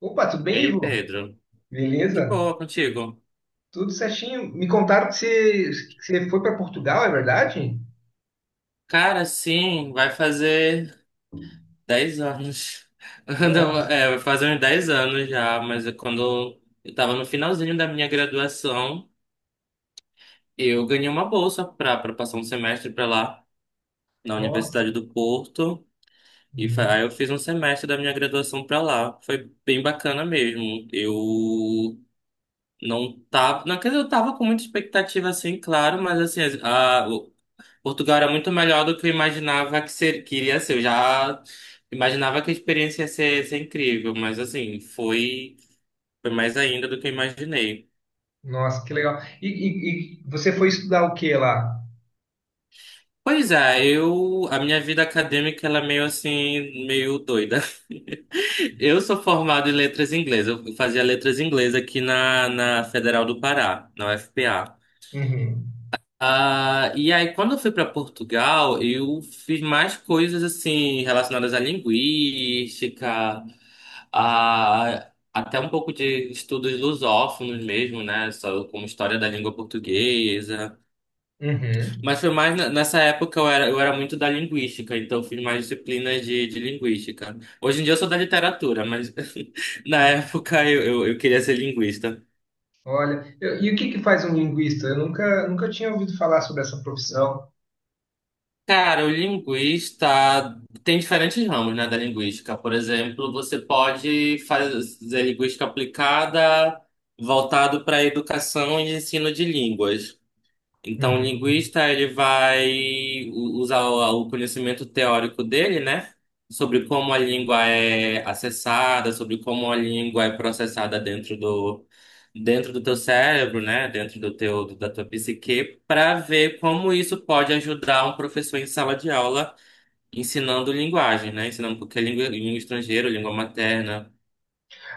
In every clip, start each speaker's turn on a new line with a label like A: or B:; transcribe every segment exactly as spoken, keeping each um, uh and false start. A: Opa, tudo
B: E
A: bem,
B: aí,
A: Ivo?
B: Pedro? De
A: Beleza?
B: boa contigo?
A: Tudo certinho. Me contaram que você, que você foi para Portugal, é verdade?
B: Cara, sim, vai fazer dez anos. Anda-
A: No-
B: É, vai fazer uns dez anos já, mas é quando eu tava no finalzinho da minha graduação, eu ganhei uma bolsa pra, pra passar um semestre pra lá, na
A: Nossa.
B: Universidade do Porto. E fa-
A: Uhum.
B: aí eu fiz um semestre da minha graduação pra lá. Foi bem bacana mesmo. Eu não tava. Não, quer dizer, eu tava com muita expectativa, assim, claro, mas assim, as- a, Portugal era muito melhor do que eu imaginava que, ser, que iria ser. Eu já imaginava que a experiência ia ser, ia ser incrível, mas assim, foi, foi mais ainda do que eu imaginei.
A: Nossa, que legal. E, e- e você foi estudar o que lá?
B: Pois é, eu, a minha vida acadêmica ela é meio assim, meio doida. Eu sou formado em letras inglesas. Eu fazia letras inglesas aqui na, na Federal do Pará, na U F P A.
A: Uhum.
B: Ah, e aí, quando eu fui para Portugal, eu fiz mais coisas assim relacionadas à linguística, a, até um pouco de estudos lusófonos mesmo, né? Só como história da língua portuguesa.
A: Uhum.
B: Mas foi mais na- nessa época eu era, eu era muito da linguística, então eu fiz mais disciplinas de, de linguística. Hoje em dia eu sou da literatura, mas na época eu, eu, eu queria ser linguista.
A: Olha, eu- e o que que faz um linguista? Eu nunca, nunca tinha ouvido falar sobre essa profissão.
B: Cara, o linguista tem diferentes ramos, né, da linguística. Por exemplo, você pode fazer linguística aplicada voltado para educação e ensino de línguas. Então, o
A: Uhum.
B: linguista ele vai u- usar o o conhecimento teórico dele, né? Sobre como a língua é acessada, sobre como a língua é processada dentro do dentro do teu cérebro, né? Dentro do teu da tua psique, para ver como isso pode ajudar um professor em sala de aula ensinando linguagem, né? Ensinando qualquer língua, língua estrangeira, língua materna.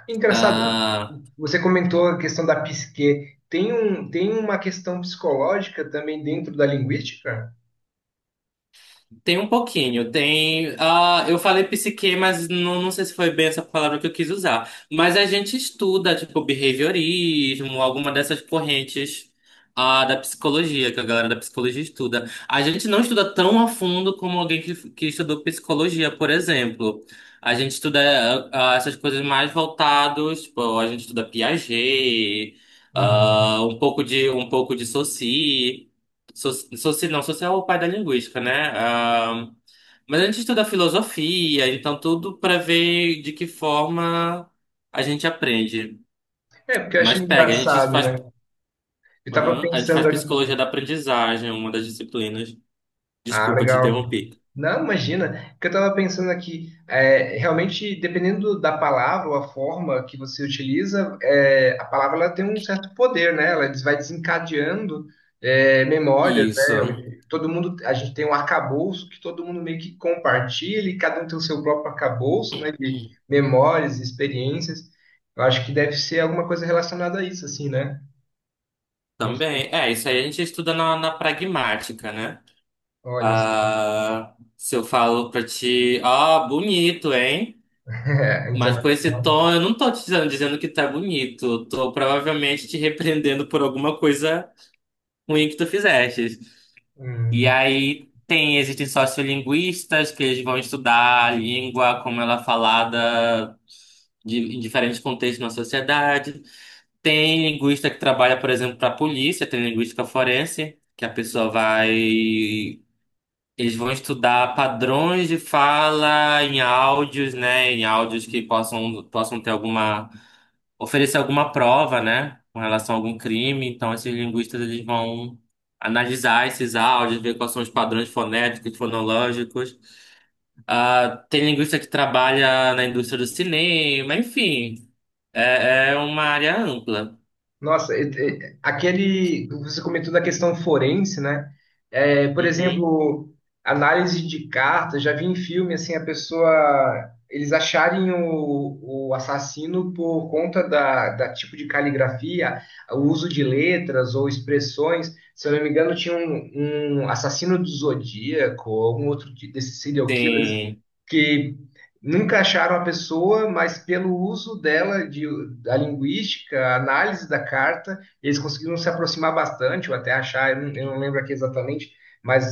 A: Engraçado,
B: Ah,
A: você comentou a questão da psique. Tem um, tem uma questão psicológica também dentro da linguística?
B: Tem um pouquinho, tem. Ah eu falei psique, mas não, não sei se foi bem essa palavra que eu quis usar. Mas a gente estuda, tipo, behaviorismo, alguma dessas correntes ah da psicologia, que a galera da psicologia estuda. A gente não estuda tão a fundo como alguém que, que estudou psicologia, por exemplo. A gente estuda ah, essas coisas mais voltadas, tipo, a gente estuda Piaget,
A: Uhum.
B: ah um pouco de, um pouco de Saussure. So- Soci, não, social é o pai da linguística, né? Ah, mas a gente estuda filosofia, então tudo para ver de que forma a gente aprende.
A: É, porque eu acho
B: Mas pega, a gente
A: engraçado,
B: faz,
A: né? Eu tava
B: aham, a gente faz
A: pensando aqui.
B: psicologia da aprendizagem, uma das disciplinas.
A: Ah,
B: Desculpa te
A: legal.
B: interromper.
A: Não, imagina, que eu tava pensando aqui, é, realmente, dependendo da palavra ou a forma que você utiliza, é, a palavra ela tem um certo poder, né? Ela des- vai desencadeando é, memórias, né?
B: Isso,
A: Hoje, todo mundo, a gente tem um arcabouço que todo mundo meio que compartilha e cada um tem o seu próprio arcabouço, né? De memórias, experiências. Eu acho que deve ser alguma coisa relacionada a isso, assim, né? Não sei.
B: também. É, isso aí a gente estuda na, na pragmática, né?
A: Olha só.
B: Ah, se eu falo pra ti, ó, bonito, hein?
A: É, então,
B: Mas com esse tom, eu não tô te dizendo, dizendo que tá bonito. Eu tô provavelmente te repreendendo por alguma coisa ruim que tu fizeste. E
A: hum.
B: aí tem, existem sociolinguistas que eles vão estudar a língua, como ela é falada de, em diferentes contextos na sociedade. Tem linguista que trabalha, por exemplo, para a polícia, tem linguística forense, que a pessoa vai. Eles vão estudar padrões de fala em áudios, né? Em áudios que possam, possam ter alguma oferecer alguma prova, né, com relação a algum crime. Então, esses linguistas eles vão analisar esses áudios, ver quais são os padrões fonéticos, fonológicos. Ah, tem linguista que trabalha na indústria do cinema, enfim, é, é uma área ampla.
A: Nossa, e- e- aquele. Você comentou da questão forense, né? É, por
B: Uhum.
A: exemplo, análise de cartas, já vi em filme assim, a pessoa. Eles acharem o, o assassino por conta da, da tipo de caligrafia, o uso de letras ou expressões. Se eu não me engano, tinha um, um assassino do Zodíaco, algum outro de- desses serial killers
B: Sim.
A: que nunca acharam a pessoa, mas pelo uso dela, de, da linguística, a análise da carta, eles conseguiram se aproximar bastante, ou até achar, eu não, eu não lembro aqui exatamente, mas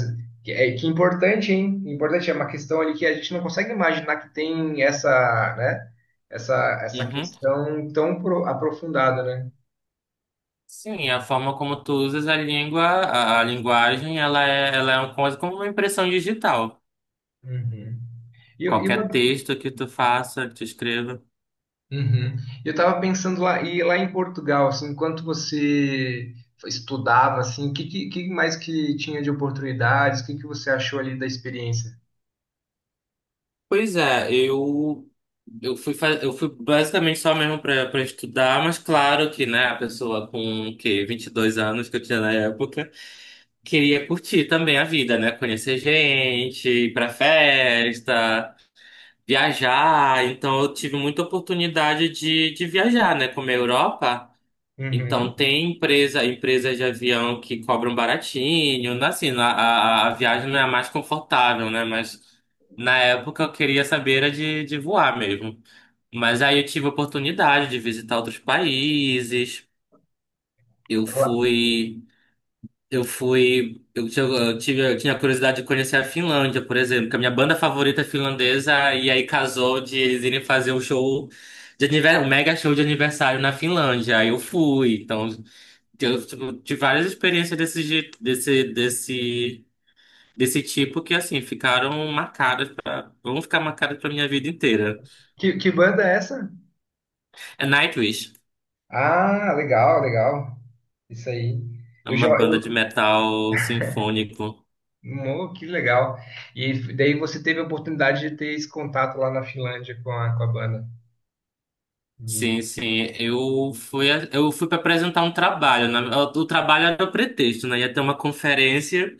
A: que, é, que importante, hein? Importante, é uma questão ali que a gente não consegue imaginar que tem essa, né? Essa, essa
B: Uhum.
A: questão tão pro- aprofundada, né?
B: Sim, a forma como tu usas a língua, a, a linguagem, ela é, ela é uma coisa como uma impressão digital.
A: Uhum. E, e uma
B: Qualquer texto que tu faça, que tu escreva.
A: uhum. Eu estava pensando lá, e lá em Portugal, assim, enquanto você estudava, assim, o que, que, que mais que tinha de oportunidades? O que, que você achou ali da experiência?
B: Pois é, eu eu fui fa- eu fui basicamente só mesmo para para estudar, mas claro que, né, a pessoa com que vinte e dois anos que eu tinha na época, queria curtir também a vida, né, conhecer gente, ir para festa, viajar, então eu tive muita oportunidade de de viajar, né, como a Europa. Então,
A: Uhum.
B: tem empresa, empresas de avião que cobram baratinho, né? Assim, na- a, a, a viagem não é a mais confortável, né? Mas na época eu queria saber era de, de voar mesmo. Mas aí eu tive a oportunidade de visitar outros países. Eu
A: Lá.
B: fui, eu fui, eu, tinha- eu tive, eu tinha curiosidade de conhecer a Finlândia, por exemplo, que a minha banda favorita é finlandesa, e aí casou de eles irem fazer um show de aniversário, um mega show de aniversário na Finlândia. Aí eu fui, então. Eu tipo, tive várias experiências desse, jeito- desse, desse, desse tipo que, assim, ficaram marcadas pra, vão ficar marcadas pra minha vida inteira.
A: Que, que banda é essa?
B: É Nightwish,
A: Ah, legal, legal. Isso aí.
B: é
A: Eu já,
B: uma banda de
A: eu-
B: metal sinfônico.
A: Mo, que legal. E daí você teve a oportunidade de ter esse contato lá na Finlândia com a, com a banda. De...
B: Sim, sim, eu fui, a- eu fui para apresentar um trabalho. Né? O o trabalho era o pretexto, né? Ia ter uma conferência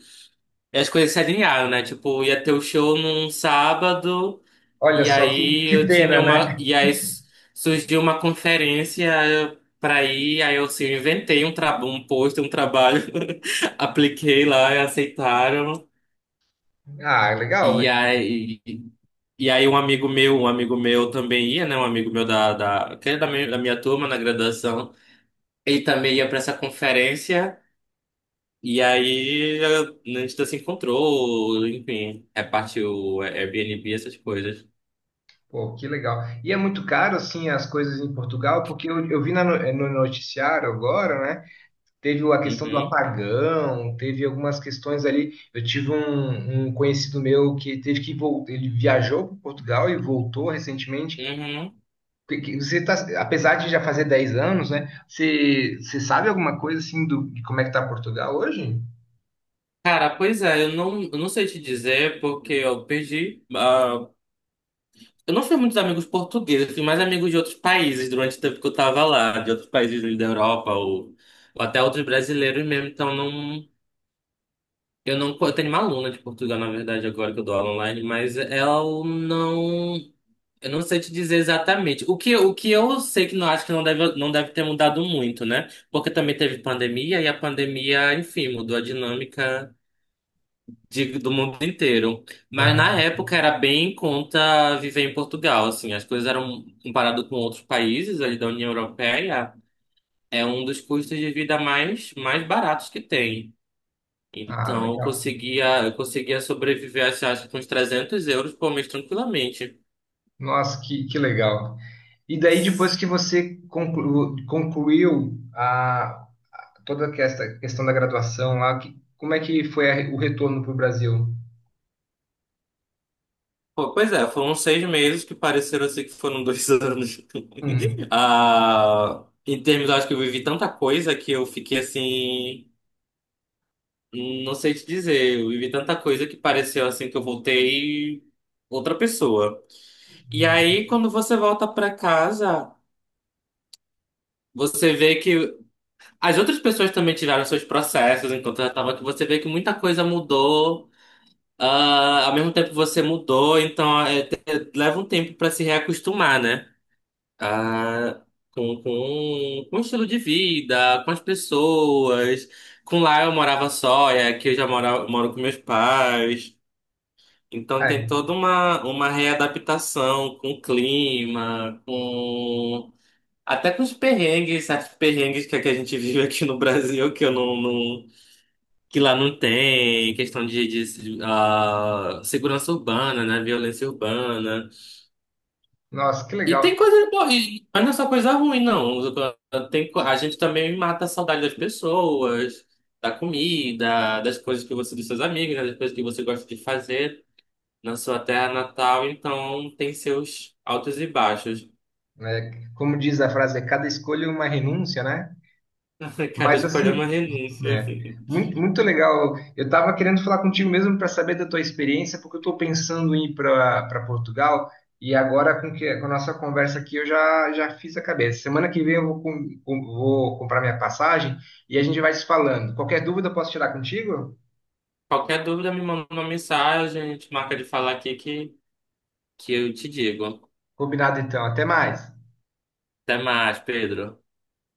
B: e as coisas se alinharam, né? Tipo, ia ter o show num sábado.
A: Olha
B: E
A: só que,
B: aí
A: que
B: eu tinha
A: pena,
B: uma.
A: né?
B: E aí s- Surgiu uma conferência para ir, aí eu assim, eu inventei um, tra... um post, um trabalho, apliquei lá e aceitaram.
A: Ah,
B: E
A: legal.
B: aí. E aí um amigo meu, um amigo meu também ia, né? Um amigo meu da, da, que é da minha, da minha turma na graduação, ele também ia para essa conferência. E aí eu- a gente se encontrou, enfim, repartiu Airbnb, essas coisas.
A: Pô, que legal. E é muito caro, assim, as coisas em Portugal, porque eu, eu vi na no, eh, no noticiário agora, né? Teve a questão do
B: Uhum,
A: apagão, teve algumas questões ali. Eu tive um, um conhecido meu que teve que voltar, ele viajou para Portugal e voltou recentemente.
B: uhum.
A: Que- que Você tá, apesar de já fazer dez anos, né? Você, você sabe alguma coisa, assim, do, de como é que tá Portugal hoje?
B: Cara, pois é, eu não, eu não sei te dizer porque eu perdi. Ah, eu não fiz muitos amigos portugueses, eu fiz mais amigos de outros países durante o tempo que eu tava lá, de outros países da Europa ou, ou até outros brasileiros mesmo. Então não, eu não, eu tenho uma aluna de Portugal na verdade agora que eu dou aula online, mas ela não, eu não sei te dizer exatamente. O que, o que eu sei que não acho que não deve, não deve ter mudado muito, né? Porque também teve pandemia e a pandemia, enfim, mudou a dinâmica. De- do mundo inteiro. Mas na
A: Marra?
B: época era bem em conta viver em Portugal, assim, as coisas eram comparado com outros países ali da União Europeia, é um dos custos de vida mais mais baratos que tem.
A: Ah,
B: Então, eu
A: legal.
B: conseguia, eu conseguia sobreviver, assim, acho que com uns trezentos euros por mês tranquilamente.
A: Nossa, que, que legal. E daí, depois que você conclu- concluiu a, toda essa questão da graduação lá, que, como é que foi a- o retorno para o Brasil?
B: Pô, pois é, foram seis meses que pareceram assim que foram dois anos.
A: Uhum.
B: Ah, em termos, eu acho que eu vivi tanta coisa que eu fiquei assim. Não sei te dizer, eu vivi tanta coisa que pareceu assim que eu voltei outra pessoa. E aí, quando você volta pra casa, você vê que as outras pessoas também tiveram seus processos enquanto eu tava aqui. Você vê que muita coisa mudou, ah, ao mesmo tempo você mudou, então é, te- leva um tempo pra se reacostumar, né? Ah, com, com, com o estilo de vida, com as pessoas. Com lá eu morava só, e aqui eu já mora, moro com meus pais. Então tem
A: Ai,
B: toda uma, uma readaptação com o clima, com até com os perrengues, certos perrengues que, a que a gente vive aqui no Brasil, que eu não, não- que lá não tem, questão de, de, ah, segurança urbana, né? Violência urbana.
A: nossa, que
B: E
A: legal.
B: tem coisa boa, e- mas não é só coisa ruim, não. Tem, co- a gente também mata a saudade das pessoas, da comida, das coisas que você, dos seus amigos, né, das coisas que você gosta de fazer na sua terra natal, então tem seus altos e baixos.
A: Né? Como diz a frase, é cada escolha é uma renúncia, né?
B: Cada
A: Mas
B: escolha é
A: assim,
B: uma renúncia.
A: né? Muito, muito legal. Eu estava querendo falar contigo mesmo para saber da tua experiência, porque eu estou pensando em ir para Portugal e agora com, que, com a nossa conversa aqui eu já, já fiz a cabeça. Semana que vem eu vou, com- com- vou comprar minha passagem e a gente vai se falando. Qualquer dúvida eu posso tirar contigo?
B: Qualquer dúvida, me manda uma mensagem, a gente marca de falar aqui que, que eu te digo.
A: Combinado então. Até mais.
B: Até mais, Pedro.